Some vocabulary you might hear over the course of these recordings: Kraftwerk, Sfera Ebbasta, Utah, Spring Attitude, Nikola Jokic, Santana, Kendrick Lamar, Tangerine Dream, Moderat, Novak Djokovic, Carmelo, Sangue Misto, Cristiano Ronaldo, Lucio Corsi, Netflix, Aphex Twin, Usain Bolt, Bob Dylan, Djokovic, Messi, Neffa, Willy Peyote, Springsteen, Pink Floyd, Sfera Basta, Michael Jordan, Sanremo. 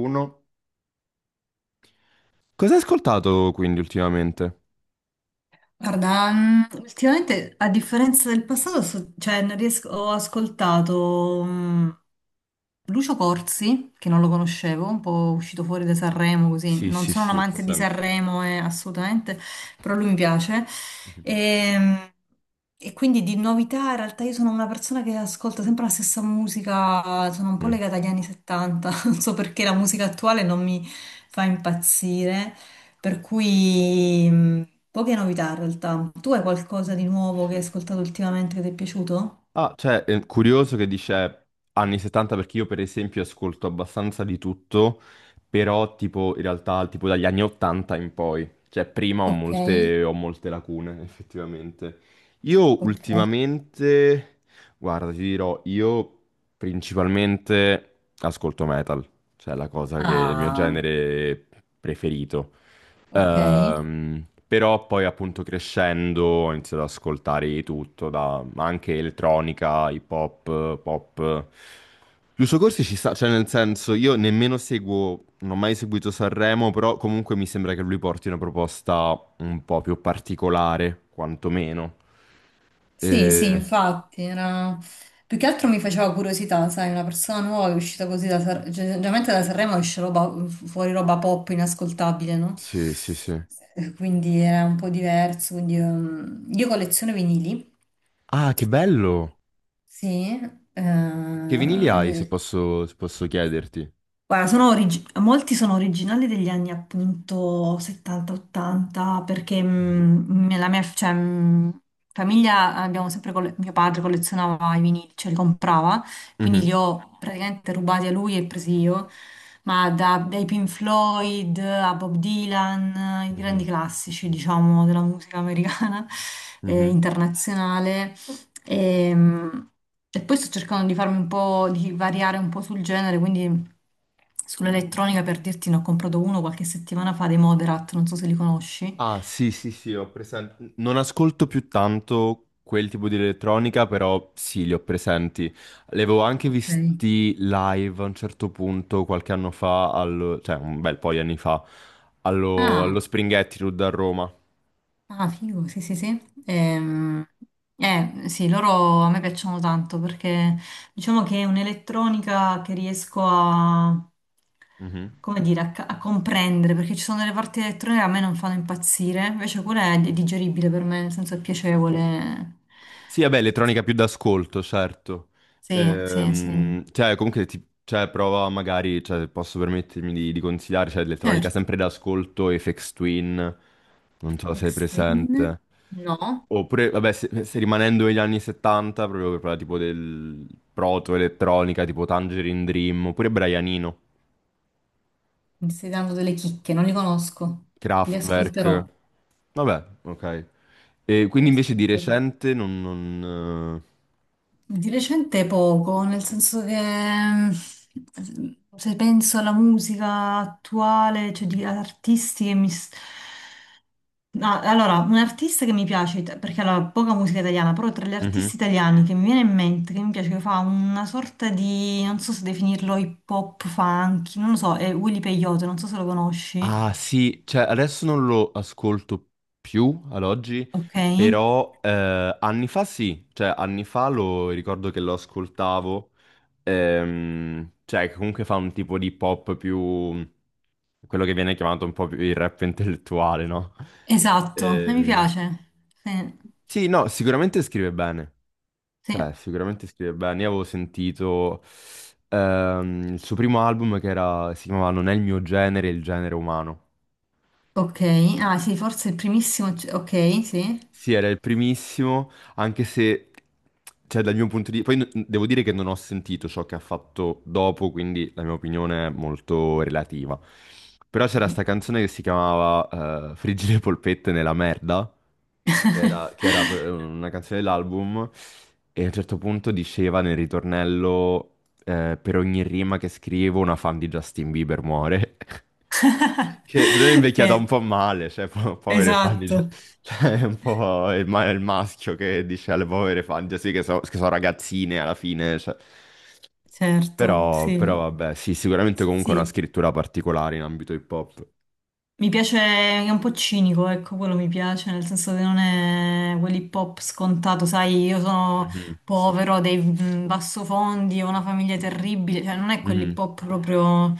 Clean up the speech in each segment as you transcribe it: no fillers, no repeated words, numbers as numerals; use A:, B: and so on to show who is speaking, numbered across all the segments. A: Uno. Cosa hai ascoltato quindi ultimamente?
B: Guarda, ultimamente a differenza del passato, cioè, non riesco- ho ascoltato Lucio Corsi, che non lo conoscevo, un po' uscito fuori da Sanremo, così.
A: Sì,
B: Non
A: sì,
B: sono un
A: sì, ho
B: amante di
A: presente.
B: Sanremo, assolutamente, però lui mi piace.
A: Mhm.
B: E, mm, e quindi di novità, in realtà io sono una persona che ascolta sempre la stessa musica, sono un po'
A: Mm.
B: legata agli anni 70, non so perché la musica attuale non mi fa impazzire. Per cui poche novità in realtà. Tu hai qualcosa di nuovo che hai ascoltato ultimamente che ti è piaciuto?
A: Ah, cioè, è curioso che dice anni 70 perché io per esempio ascolto abbastanza di tutto, però tipo in realtà tipo dagli anni 80 in poi, cioè prima
B: Ok,
A: ho molte lacune effettivamente. Io
B: ok.
A: ultimamente, guarda, ti dirò, io principalmente ascolto metal, cioè è la cosa che è il mio
B: Ah,
A: genere preferito.
B: ok.
A: Però poi appunto crescendo ho iniziato ad ascoltare di tutto, da, ma anche elettronica, hip hop, pop. Giusto Corsi ci sta, cioè nel senso io nemmeno seguo, non ho mai seguito Sanremo, però comunque mi sembra che lui porti una proposta un po' più particolare, quantomeno.
B: Sì, sì,
A: Eh,
B: infatti, più che altro mi faceva curiosità, sai, una persona nuova che è uscita così da Sanremo, generalmente da Sanremo esce roba, fuori roba pop inascoltabile, no?
A: sì, sì, sì.
B: Quindi era un po' diverso, quindi io colleziono vinili.
A: Ah, che bello!
B: Sì.
A: Che vinili hai, se
B: eh,
A: posso, se posso chiederti?
B: Guarda, sono molti sono originali degli anni appunto 70-80 perché
A: Mhm.
B: nella mia cioè, famiglia abbiamo sempre mio padre collezionava i vinili, cioè li comprava, quindi
A: Mhm,
B: li ho praticamente rubati a lui e presi io, ma dai Pink Floyd a Bob Dylan, i grandi
A: mhm,
B: classici diciamo della musica americana e
A: mhm.
B: internazionale. Ehm, E, poi sto cercando di farmi un po', di variare un po' sul genere, quindi sull'elettronica per dirti ne ho comprato uno qualche settimana fa dei Moderat, non so se li conosci.
A: Ah, sì, sì, sì, ho presente. Non ascolto più tanto quel tipo di elettronica, però sì, li ho presenti. Li avevo anche
B: Ok.
A: visti live a un certo punto, qualche anno fa, cioè un bel po' di anni fa, allo
B: Ah,
A: Spring Attitude a Roma.
B: Ah, figo, sì, sì, sì. Ehm, sì, loro a me piacciono tanto perché diciamo che è un'elettronica che riesco a,
A: Mhm.
B: come dire, a comprendere, perché ci sono delle parti elettroniche che a me non fanno impazzire, invece quella è digeribile per me, nel senso è piacevole.
A: Sì, vabbè, elettronica più d'ascolto, certo.
B: Sì, sì, sì.
A: Cioè, comunque, cioè, prova magari, cioè, posso permettermi di consigliare, cioè, elettronica
B: Certo.
A: sempre d'ascolto, Aphex Twin, non so se sei
B: Extreme?
A: presente.
B: No,
A: Oppure, vabbè, se, se rimanendo negli anni 70, proprio per parlare tipo del proto-elettronica, tipo Tangerine Dream, oppure Brianino,
B: mi stai dando delle chicche, non li conosco. Li
A: Kraftwerk,
B: ascolterò,
A: vabbè, ok. E
B: li
A: quindi invece di
B: ascolterò.
A: recente non... non,
B: Di recente poco, nel senso che se penso alla musica attuale, cioè di artisti che mi. Ah, allora, un artista che mi piace, perché allora, poca musica italiana, però tra gli
A: mhm.
B: artisti italiani che mi viene in mente, che mi piace, che fa una sorta di, non so se definirlo hip hop, funky, non lo so, è Willy Peyote, non so se lo conosci.
A: Ah sì, cioè adesso non lo ascolto più ad oggi,
B: Ok,
A: però anni fa sì, cioè anni fa lo ricordo che lo ascoltavo, cioè che comunque fa un tipo di pop più... quello che viene chiamato un po' più il rap intellettuale, no?
B: esatto, e mi
A: Eh,
B: piace. Sì,
A: sì, no, sicuramente scrive bene,
B: sì.
A: cioè sicuramente scrive bene. Io avevo sentito il suo primo album che era, si chiamava Non è il mio genere, è il genere umano.
B: Ok, ah sì, forse il primissimo, ok, sì.
A: Sì, era il primissimo, anche se, cioè, dal mio punto di vista, poi devo dire che non ho sentito ciò che ha fatto dopo, quindi la mia opinione è molto relativa. Però c'era sta
B: Ok.
A: canzone che si chiamava Friggere polpette nella merda, che era, una canzone dell'album, e a un certo punto diceva nel ritornello per ogni rima che scrivo una fan di Justin Bieber muore. Che se no è invecchiata un
B: Eh,
A: po' male, cioè povere fan di...
B: esatto,
A: Cioè è un po' il, il maschio che dice alle povere fan, cioè, sì che, che sono ragazzine alla fine, cioè.
B: certo,
A: Però, però
B: sì.
A: vabbè, sì, sicuramente comunque una
B: Sì,
A: scrittura particolare in ambito hip hop.
B: mi piace, è un po' cinico, ecco, quello mi piace, nel senso che non è quell'hip hop scontato, sai, io sono
A: Mhm.
B: povero, ho dei bassofondi, ho una famiglia terribile, cioè non è quell'hip
A: Mhm.
B: hop proprio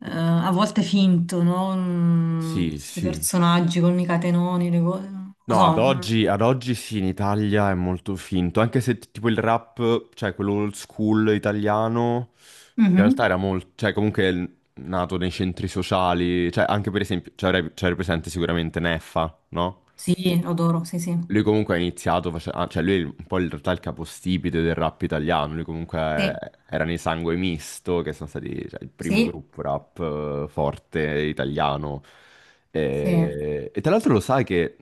B: a volte finto, no?
A: Sì,
B: Questi
A: sì.
B: personaggi con i catenoni, le cose, non lo
A: No,
B: so. Mm.
A: ad oggi sì, in Italia è molto finto, anche se tipo il rap, cioè quello old school italiano, in realtà
B: Mhm.
A: era molto, cioè comunque è nato nei centri sociali, cioè anche per esempio, cioè, cioè, era presente sicuramente Neffa, no?
B: Sì, lo adoro, sì, sì.
A: Lui comunque ha iniziato, ah, cioè lui è un po' in realtà il capostipite del rap italiano, lui comunque
B: Sì,
A: era nei Sangue Misto, che sono stati cioè, il primo
B: sì,
A: gruppo rap forte italiano.
B: sì.
A: E tra l'altro lo sai che,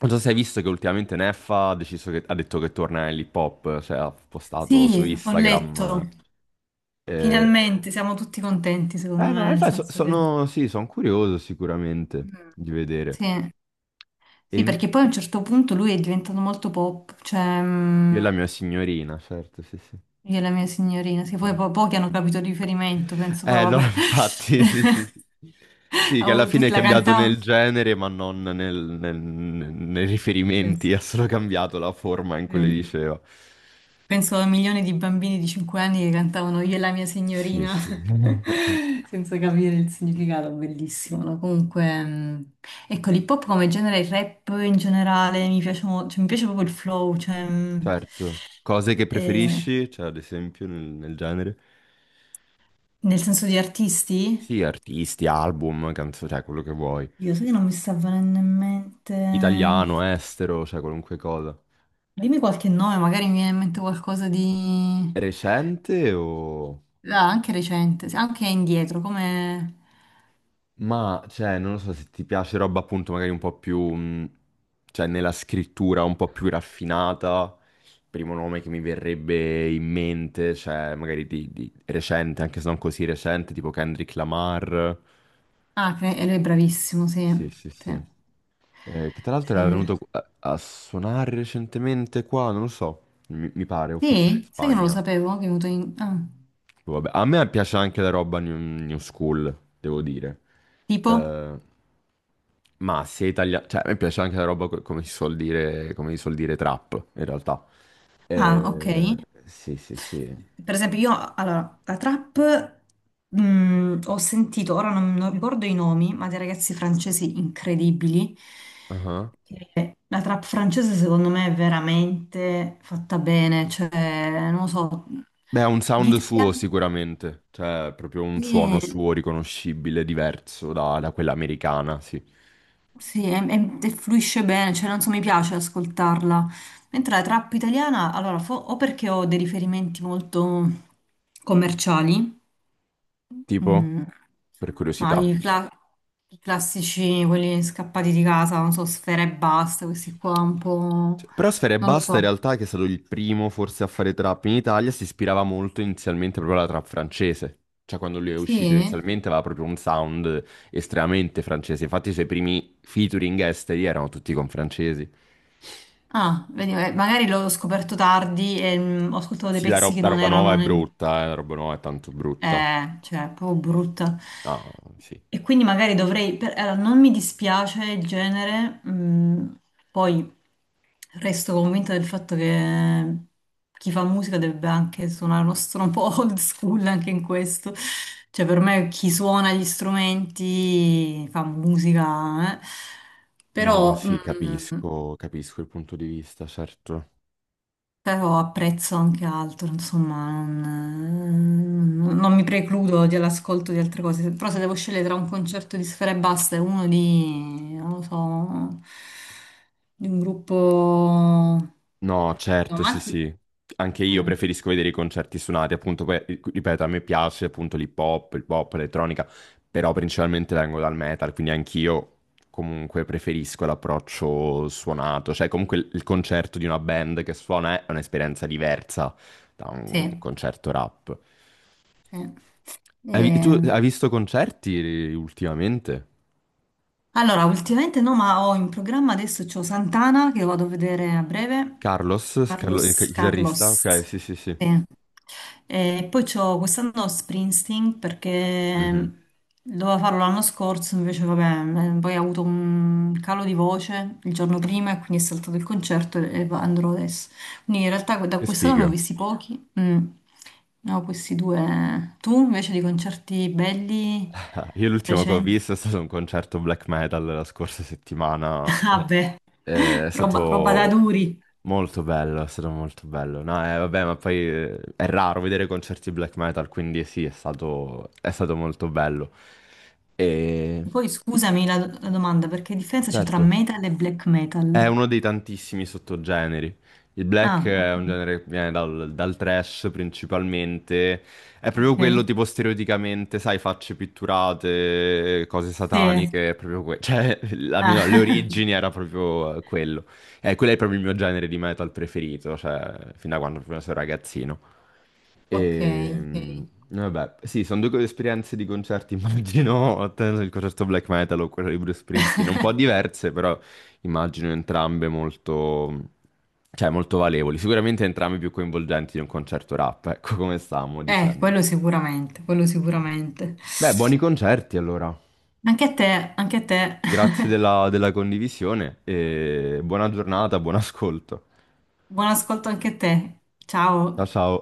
A: non so se hai visto che ultimamente Neffa ha deciso che, ha detto che torna nell'hip hop, cioè ha postato su
B: Sì, ho letto.
A: Instagram. Eh,
B: Finalmente siamo tutti contenti, secondo me,
A: no,
B: nel
A: infatti
B: senso che...
A: sono, sì, sono curioso sicuramente
B: Mm.
A: di vedere.
B: Sì,
A: E
B: sì, perché poi a un certo punto lui è diventato molto pop, cioè
A: io e la mia signorina, certo, sì, sì.
B: io e la mia signorina, sì, poi pochi hanno capito il riferimento, penso, però
A: Allora
B: vabbè.
A: infatti, sì, sì, sì. Sì, che alla
B: Oh, tu
A: fine è
B: la
A: cambiato
B: cantava?
A: nel genere, ma non nei riferimenti, ha solo cambiato la forma in cui le
B: Sì.
A: diceva.
B: Penso a milioni di bambini di 5 anni che cantavano Io e la mia
A: Sì,
B: signorina
A: sì.
B: senza capire il significato, bellissimo, no? Comunque, ecco, l'hip hop come genere, il rap in generale, mi piace, cioè, mi piace proprio il flow, cioè,
A: Certo. Cose che
B: eh,
A: preferisci, cioè ad esempio nel, nel genere?
B: nel senso di artisti,
A: Sì, artisti, album, canzoni, cioè quello che vuoi.
B: io so che non mi sta venendo in mente,
A: Italiano, estero, cioè qualunque cosa.
B: dimmi qualche nome, magari mi viene in mente qualcosa di...
A: Recente o...
B: Ah, anche recente, sì, anche indietro, come...
A: Ma, cioè, non lo so se ti piace roba appunto magari un po' più, cioè, nella scrittura un po' più raffinata. Il primo nome che mi verrebbe in mente, cioè, magari di recente, anche se non così recente, tipo Kendrick Lamar.
B: Ah, e lui è bravissimo, sì.
A: Sì, sì, sì.
B: Sì.
A: Che tra l'altro
B: Sì.
A: era venuto a, a suonare recentemente qua, non lo so, mi pare, o forse era in
B: Sì? Sai che non lo
A: Spagna.
B: sapevo che è venuto in... ah,
A: Boh, vabbè, a me piace anche la roba new, new school, devo dire.
B: tipo?
A: Eh, Ma sia italiano, cioè a me piace anche la roba come si suol dire, come si suol dire trap, in realtà.
B: Ah, ok.
A: Eh, sì, sì, sì.
B: Per esempio, io, allora, la trap ho sentito, ora non ricordo i nomi, ma dei ragazzi francesi incredibili.
A: Ah.
B: Che La trap francese secondo me è veramente fatta bene, cioè, non lo so,
A: Beh, ha un
B: di
A: sound suo
B: italiani...
A: sicuramente, cioè proprio un suono
B: Sì,
A: suo riconoscibile, diverso da, da quella americana, sì.
B: Sì, e fluisce bene, cioè non so, mi piace ascoltarla. Mentre la trap italiana, allora, o perché ho dei riferimenti molto commerciali,
A: Tipo,
B: mm,
A: per
B: ma
A: curiosità.
B: i classici, quelli scappati di casa, non so, Sfera e Basta, questi qua un po'...
A: Cioè, però Sfera
B: non lo
A: Basta in
B: so.
A: realtà, che è stato il primo forse a fare trap in Italia, si ispirava molto inizialmente proprio alla trap francese. Cioè quando lui è uscito
B: Sì?
A: inizialmente aveva proprio un sound estremamente francese. Infatti i suoi primi featuring esteri erano tutti con francesi.
B: Ah, vedi, magari l'ho scoperto tardi e ho ascoltato dei
A: Sì, la,
B: pezzi che
A: la
B: non
A: roba nuova
B: erano
A: è brutta, la roba nuova è tanto brutta.
B: Cioè, è proprio brutta.
A: Ah, sì.
B: E quindi magari dovrei... allora, non mi dispiace il genere, poi resto convinta del fatto che chi fa musica dovrebbe anche suonare uno strumento un po' old school anche in questo. Cioè, per me chi suona gli strumenti fa musica, eh.
A: No,
B: Però...
A: sì,
B: mm,
A: capisco, capisco il punto di vista, certo.
B: Però apprezzo anche altro, insomma, non mi precludo dell'ascolto di altre cose. Però se devo scegliere tra un concerto di Sfera Ebbasta e uno di, non lo so, di un gruppo...
A: No,
B: No,
A: certo, sì, sì. Anche io
B: mm,
A: preferisco vedere i concerti suonati, appunto, poi, ripeto, a me piace appunto l'hip hop, il pop, l'elettronica, però principalmente vengo dal metal, quindi anch'io comunque preferisco l'approccio suonato, cioè comunque il concerto di una band che suona è un'esperienza diversa da un
B: sì,
A: concerto rap.
B: sì.
A: Tu
B: Eh,
A: hai visto concerti ultimamente?
B: allora, ultimamente no, ma ho in programma adesso c'ho Santana che vado a vedere a breve.
A: Carlos, il
B: Carlos,
A: chitarrista?
B: Carlos.
A: Ok, sì, sì, sì.
B: Sì. E poi c'ho quest'anno Springsteen
A: Mhm.
B: perché dovevo farlo l'anno scorso, invece vabbè, poi ho avuto un calo di voce il giorno prima e quindi è saltato il concerto e andrò adesso. Quindi in realtà da
A: Che
B: quest'anno ne ho
A: sfiga.
B: visti pochi, ne ho questi due. Tu invece di concerti belli
A: Io l'ultimo che ho
B: recenti?
A: visto è stato un concerto black metal la scorsa settimana.
B: Vabbè,
A: È
B: roba, roba da
A: stato
B: duri.
A: molto bello, è stato molto bello. No, vabbè, ma poi è raro vedere concerti black metal, quindi sì, è stato molto bello. E
B: Poi scusami la domanda, perché differenza c'è tra
A: certo.
B: metal e black
A: È
B: metal?
A: uno dei tantissimi sottogeneri. Il black
B: Ah,
A: è un
B: ok.
A: genere che viene dal, dal trash principalmente. È proprio quello
B: Ok.
A: tipo stereotipamente, sai, facce pitturate, cose
B: Sì,
A: sataniche, è proprio quello. Cioè, almeno alle
B: Ah,
A: origini era proprio quello. E quello è proprio il mio genere di metal preferito, cioè, fin da quando proprio sono ragazzino.
B: ok,
A: E,
B: ok.
A: mm, Vabbè, sì, sono due esperienze di concerti, immagino, il concerto black metal o quello di Bruce Springsteen, un po' diverse, però immagino entrambe molto, cioè, molto valevoli, sicuramente entrambe più coinvolgenti di un concerto rap, ecco come stavamo dicendo.
B: Quello sicuramente, quello sicuramente.
A: Beh, buoni concerti allora,
B: Anche a te, anche a te.
A: grazie della condivisione e buona giornata, buon ascolto.
B: Buon ascolto anche a te.
A: Ciao
B: Ciao.
A: ciao.